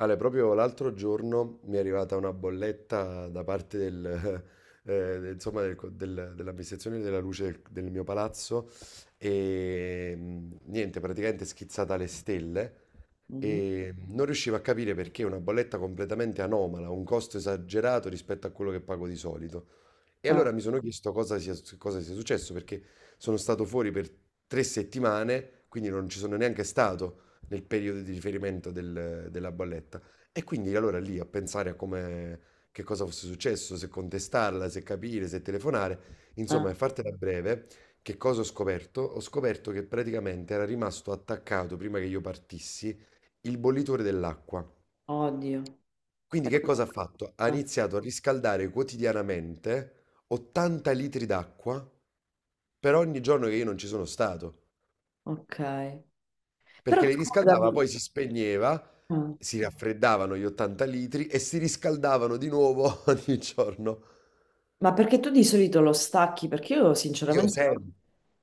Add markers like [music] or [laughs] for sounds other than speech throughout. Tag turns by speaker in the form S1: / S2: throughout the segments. S1: Ale, proprio l'altro giorno mi è arrivata una bolletta da parte del, [laughs] dell'amministrazione della luce del mio palazzo e mm, niente, praticamente schizzata alle stelle
S2: Mhm.
S1: e non riuscivo a capire perché una bolletta completamente anomala, un costo esagerato rispetto a quello che pago di solito. E
S2: Ah,
S1: allora mi sono chiesto cosa sia successo, perché sono stato fuori per 3 settimane, quindi non ci sono neanche stato nel periodo di riferimento della bolletta. E quindi allora lì a pensare a come, che cosa fosse successo, se contestarla, se capire, se telefonare, insomma,
S2: ah,
S1: per fartela breve, che cosa ho scoperto? Ho scoperto che praticamente era rimasto attaccato, prima che io partissi, il bollitore dell'acqua.
S2: oddio.
S1: Quindi che
S2: Ecco
S1: cosa ha fatto? Ha
S2: qua.
S1: iniziato a riscaldare quotidianamente 80 litri d'acqua per ogni giorno che io non ci sono stato,
S2: Ok. Però
S1: perché li riscaldava,
S2: scusami,
S1: poi si spegneva,
S2: ah,
S1: si raffreddavano gli 80 litri e si riscaldavano di nuovo [laughs] ogni giorno.
S2: ma perché tu di solito lo stacchi? Perché io
S1: Io
S2: sinceramente...
S1: sempre.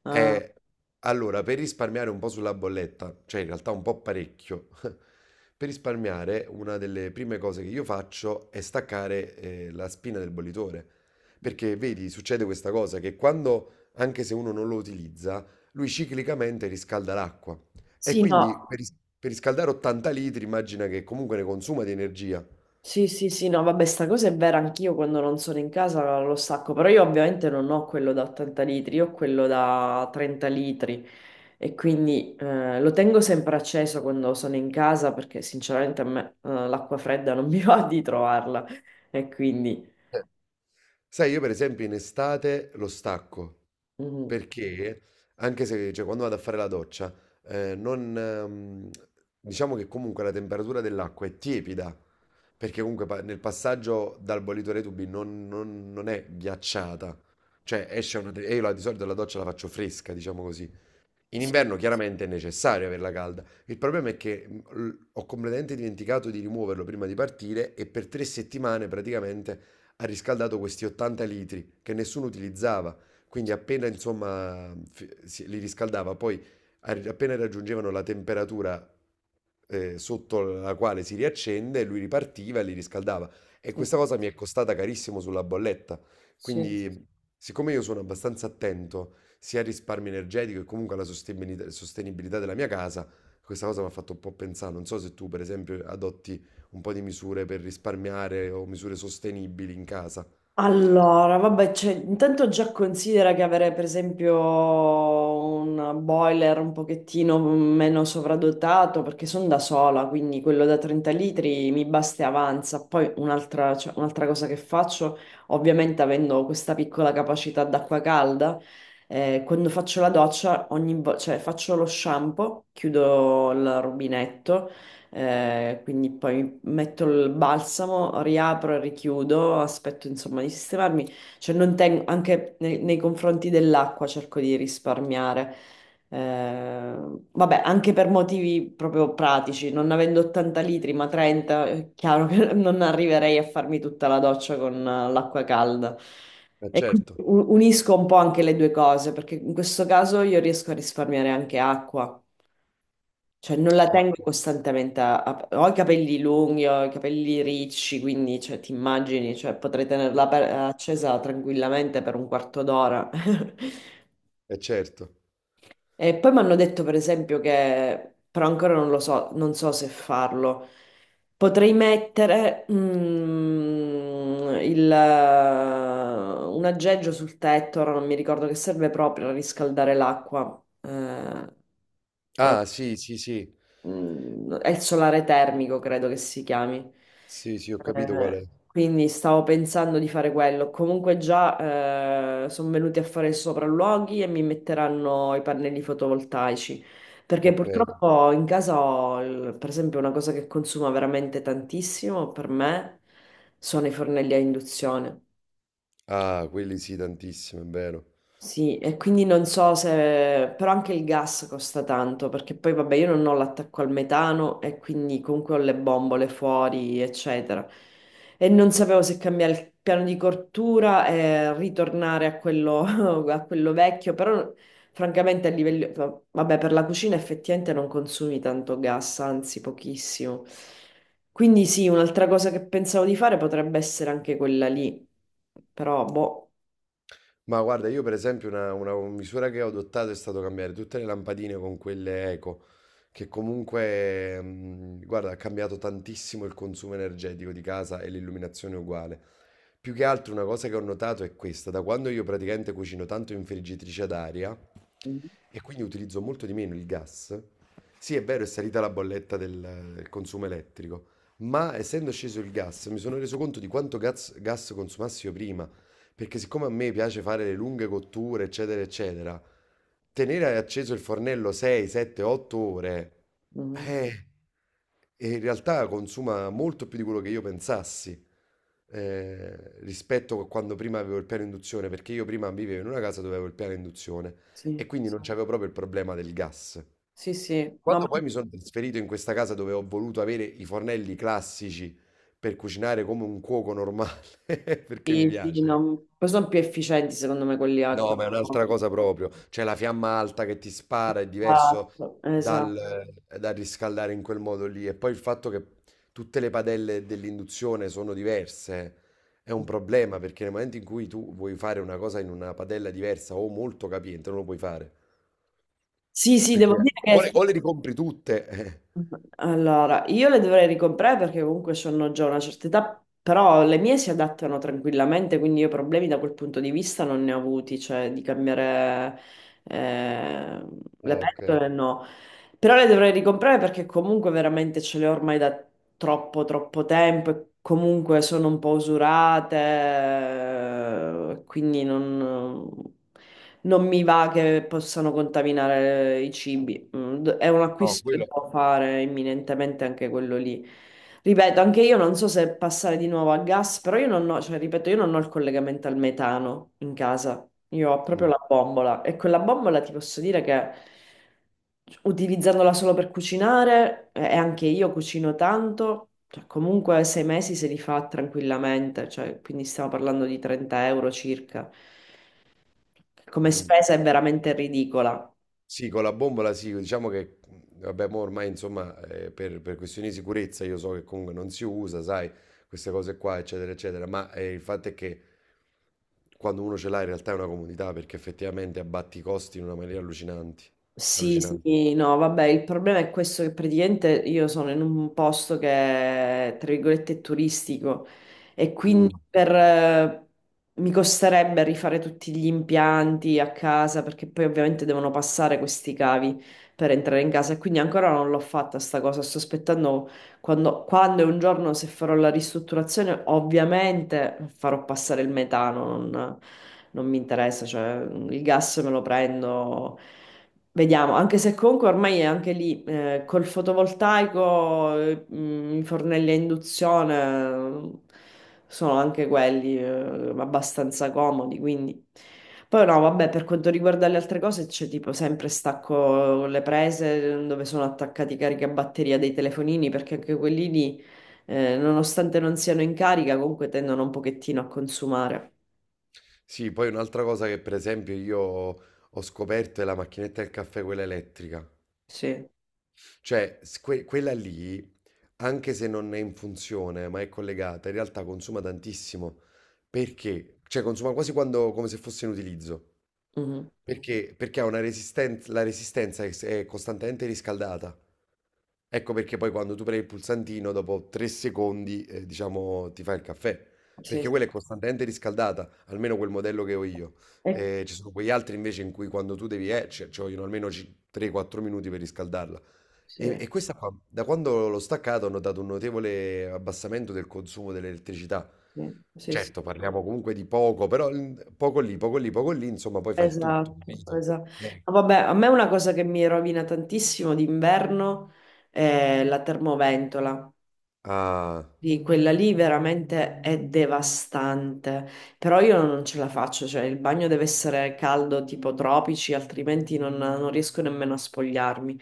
S2: ah,
S1: Eh, allora, per risparmiare un po' sulla bolletta, cioè in realtà un po' parecchio, [laughs] per risparmiare una delle prime cose che io faccio è staccare, la spina del bollitore. Perché vedi, succede questa cosa che quando, anche se uno non lo utilizza, lui ciclicamente riscalda l'acqua. E
S2: sì,
S1: quindi
S2: no,
S1: per riscaldare 80 litri immagina che comunque ne consuma di energia.
S2: sì, sì, sì, no, vabbè, sta cosa è vera, anch'io quando non sono in casa lo stacco, però io ovviamente non ho quello da 80 litri, io ho quello da 30 litri e quindi lo tengo sempre acceso quando sono in casa perché sinceramente a me l'acqua fredda non [laughs] mi va di trovarla e quindi...
S1: Eh. Sai, io per esempio in estate lo stacco.
S2: Mhm.
S1: Perché anche se cioè, quando vado a fare la doccia, non, diciamo che comunque la temperatura dell'acqua è tiepida, perché comunque nel passaggio dal bollitore ai tubi non è ghiacciata. Cioè esce una... E io di solito la doccia la faccio fresca, diciamo così. In
S2: Sì,
S1: inverno chiaramente è necessario averla calda. Il problema è che ho completamente dimenticato di rimuoverlo prima di partire e per 3 settimane praticamente ha riscaldato questi 80 litri che nessuno utilizzava. Quindi appena insomma li riscaldava, poi appena raggiungevano la temperatura sotto la quale si riaccende, lui ripartiva e li riscaldava. E
S2: sì.
S1: questa cosa mi è costata carissimo sulla bolletta.
S2: Sì.
S1: Quindi, siccome io sono abbastanza attento, sia il risparmio energetico e comunque la sostenibilità, sostenibilità della mia casa, questa cosa mi ha fatto un po' pensare. Non so se tu, per esempio, adotti un po' di misure per risparmiare o misure sostenibili in casa.
S2: Allora, vabbè, cioè, intanto già considera che avere per esempio un boiler un pochettino meno sovradotato, perché sono da sola, quindi quello da 30 litri mi basta e avanza. Poi un'altra cosa che faccio, ovviamente avendo questa piccola capacità d'acqua calda, quando faccio la doccia, faccio lo shampoo, chiudo il rubinetto. Quindi poi metto il balsamo, riapro e richiudo, aspetto insomma di sistemarmi, cioè non tengo, anche nei confronti dell'acqua cerco di risparmiare. Eh, Vabbè, anche per motivi proprio pratici, non avendo 80 litri ma 30, è chiaro che [laughs] non arriverei a farmi tutta la doccia con l'acqua calda.
S1: Eh,
S2: E quindi
S1: certo,
S2: unisco un po' anche le due cose, perché in questo caso io riesco a risparmiare anche acqua. Cioè, non la
S1: ma
S2: tengo costantemente Ho i capelli lunghi, ho i capelli ricci, quindi, cioè, ti immagini, cioè, potrei tenerla accesa tranquillamente per un quarto d'ora. [laughs]
S1: eh, certo.
S2: E poi mi hanno detto, per esempio, che... Però ancora non lo so, non so se farlo. Potrei mettere un aggeggio sul tetto, ora non mi ricordo che serve proprio a riscaldare l'acqua. Ora
S1: Ah, sì, sì, sì.
S2: è il solare termico, credo che si chiami.
S1: Sì, sì, ho capito qual
S2: Eh,
S1: è.
S2: quindi stavo pensando di fare quello. Comunque già sono venuti a fare i sopralluoghi e mi metteranno i pannelli fotovoltaici. Perché
S1: Ok.
S2: purtroppo in casa ho, per esempio, una cosa che consuma veramente tantissimo per me sono i fornelli a induzione.
S1: Ah, quelli sì, tantissimo, è vero.
S2: Sì, e quindi non so se... però anche il gas costa tanto, perché poi vabbè io non ho l'attacco al metano e quindi comunque ho le bombole fuori, eccetera. E non sapevo se cambiare il piano di cottura e ritornare a quello, [laughs] a quello vecchio, però francamente a livello... vabbè per la cucina effettivamente non consumi tanto gas, anzi pochissimo. Quindi sì, un'altra cosa che pensavo di fare potrebbe essere anche quella lì, però boh.
S1: Ma guarda, io per esempio una misura che ho adottato è stato cambiare tutte le lampadine con quelle eco, che comunque, guarda, ha cambiato tantissimo il consumo energetico di casa e l'illuminazione uguale. Più che altro una cosa che ho notato è questa, da quando io praticamente cucino tanto in friggitrice ad aria e quindi utilizzo molto di meno il gas, sì è vero è salita la bolletta del consumo elettrico, ma essendo sceso il gas mi sono reso conto di quanto gas consumassi io prima. Perché siccome a me piace fare le lunghe cotture, eccetera, eccetera, tenere acceso il fornello 6, 7, 8 ore,
S2: Mhm.
S1: eh, e in realtà consuma molto più di quello che io pensassi, eh, rispetto a quando prima avevo il piano induzione, perché io prima vivevo in una casa dove avevo il piano induzione e
S2: Sì,
S1: quindi non c'avevo proprio il problema del gas.
S2: sì, sì. No, ma
S1: Quando poi mi sono trasferito in questa casa dove ho voluto avere i fornelli classici per cucinare come un cuoco normale, [laughs] perché mi
S2: sì, sì,
S1: piace.
S2: no. Poi sono più efficienti secondo me quelli
S1: No, ma è
S2: no.
S1: un'altra cosa proprio. Cioè la fiamma alta che ti spara è diverso
S2: Esatto, esatto.
S1: dal, dal riscaldare in quel modo lì. E poi il fatto che tutte le padelle dell'induzione sono diverse è un problema perché nel momento in cui tu vuoi fare una cosa in una padella diversa o molto capiente, non lo puoi fare.
S2: Sì, sì, devo
S1: Perché
S2: dire che
S1: o le ricompri tutte. [laughs] eh.
S2: allora io le dovrei ricomprare perché comunque sono già una certa età, però le mie si adattano tranquillamente, quindi io problemi da quel punto di vista non ne ho avuti, cioè di cambiare eh, le
S1: Ah, ok.
S2: pentole no. Però le dovrei ricomprare perché comunque veramente ce le ho ormai da troppo, troppo tempo e comunque sono un po' usurate, quindi non, non mi va che possano contaminare i cibi. È un
S1: [laughs] No,
S2: acquisto che
S1: quello.
S2: devo fare imminentemente anche quello lì. Ripeto, anche io non so se passare di nuovo a gas, però io non ho, cioè, ripeto, io non ho il collegamento al metano in casa. Io ho proprio
S1: Mm,
S2: la bombola e quella bombola ti posso dire che utilizzandola solo per cucinare e anche io cucino tanto, cioè comunque 6 mesi se li fa tranquillamente, cioè, quindi stiamo parlando di 30 euro circa. Come
S1: mm.
S2: spesa è veramente ridicola.
S1: Sì, con la bombola sì, diciamo che vabbè, mo ormai insomma, per questioni di sicurezza io so che comunque non si usa, sai, queste cose qua, eccetera, eccetera, ma il fatto è che quando uno ce l'ha in realtà è una comodità perché effettivamente abbatti i costi in una maniera
S2: Sì,
S1: allucinante.
S2: sì, no, vabbè, il problema è questo che praticamente io sono in un posto che, tra virgolette, è turistico e
S1: Mm.
S2: quindi mi costerebbe rifare tutti gli impianti a casa perché poi ovviamente devono passare questi cavi per entrare in casa e quindi ancora non l'ho fatta sta cosa, sto aspettando quando e un giorno se farò la ristrutturazione ovviamente farò passare il metano, non mi interessa, cioè il gas me lo prendo. Vediamo, anche se comunque ormai è anche lì, col fotovoltaico, i fornelli a induzione sono anche quelli abbastanza comodi, quindi... Poi no, vabbè, per quanto riguarda le altre cose c'è tipo sempre stacco le prese dove sono attaccati i caricabatteria dei telefonini, perché anche quelli lì, nonostante non siano in carica, comunque tendono un pochettino a consumare.
S1: Sì, poi un'altra cosa che per esempio io ho scoperto è la macchinetta del caffè, quella elettrica.
S2: Sì.
S1: Cioè, quella lì, anche se non è in funzione, ma è collegata, in realtà consuma tantissimo. Perché? Cioè, consuma quasi quando, come se fosse in utilizzo.
S2: Mhm.
S1: Perché? Perché ha una resistenza, la resistenza è costantemente riscaldata. Ecco perché poi quando tu premi il pulsantino, dopo 3 secondi, diciamo, ti fa il caffè.
S2: Sì,
S1: Perché
S2: sì,
S1: quella è costantemente riscaldata, almeno quel modello che ho io.
S2: Eh,
S1: Ci sono quegli altri invece in cui quando tu devi, ci vogliono almeno 3-4 minuti per riscaldarla.
S2: sì,
S1: E questa qua, da quando l'ho staccato, ho notato un notevole abbassamento del consumo dell'elettricità.
S2: sì, sì. Sì.
S1: Certo, parliamo comunque di poco, però poco lì, poco lì, poco lì, insomma, poi fa il tutto,
S2: Esatto,
S1: capito?
S2: esatto.
S1: Eh.
S2: No, vabbè, a me una cosa che mi rovina tantissimo d'inverno è la termoventola.
S1: Ah,
S2: Di Quella lì veramente è devastante, però io non ce la faccio, cioè il bagno deve essere caldo tipo tropici, altrimenti non, non riesco nemmeno a spogliarmi.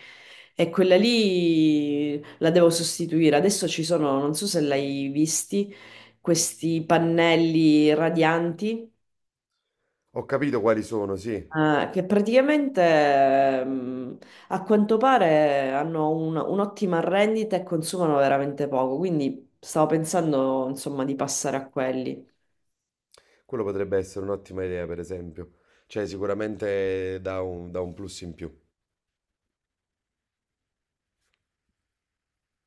S2: E quella lì la devo sostituire. Adesso ci sono, non so se l'hai visti, questi pannelli radianti
S1: ho capito quali sono, sì.
S2: Eh, che praticamente a quanto pare hanno un'ottima rendita e consumano veramente poco, quindi stavo pensando insomma di passare a quelli.
S1: Quello potrebbe essere un'ottima idea, per esempio. Cioè, sicuramente dà dà un plus in più.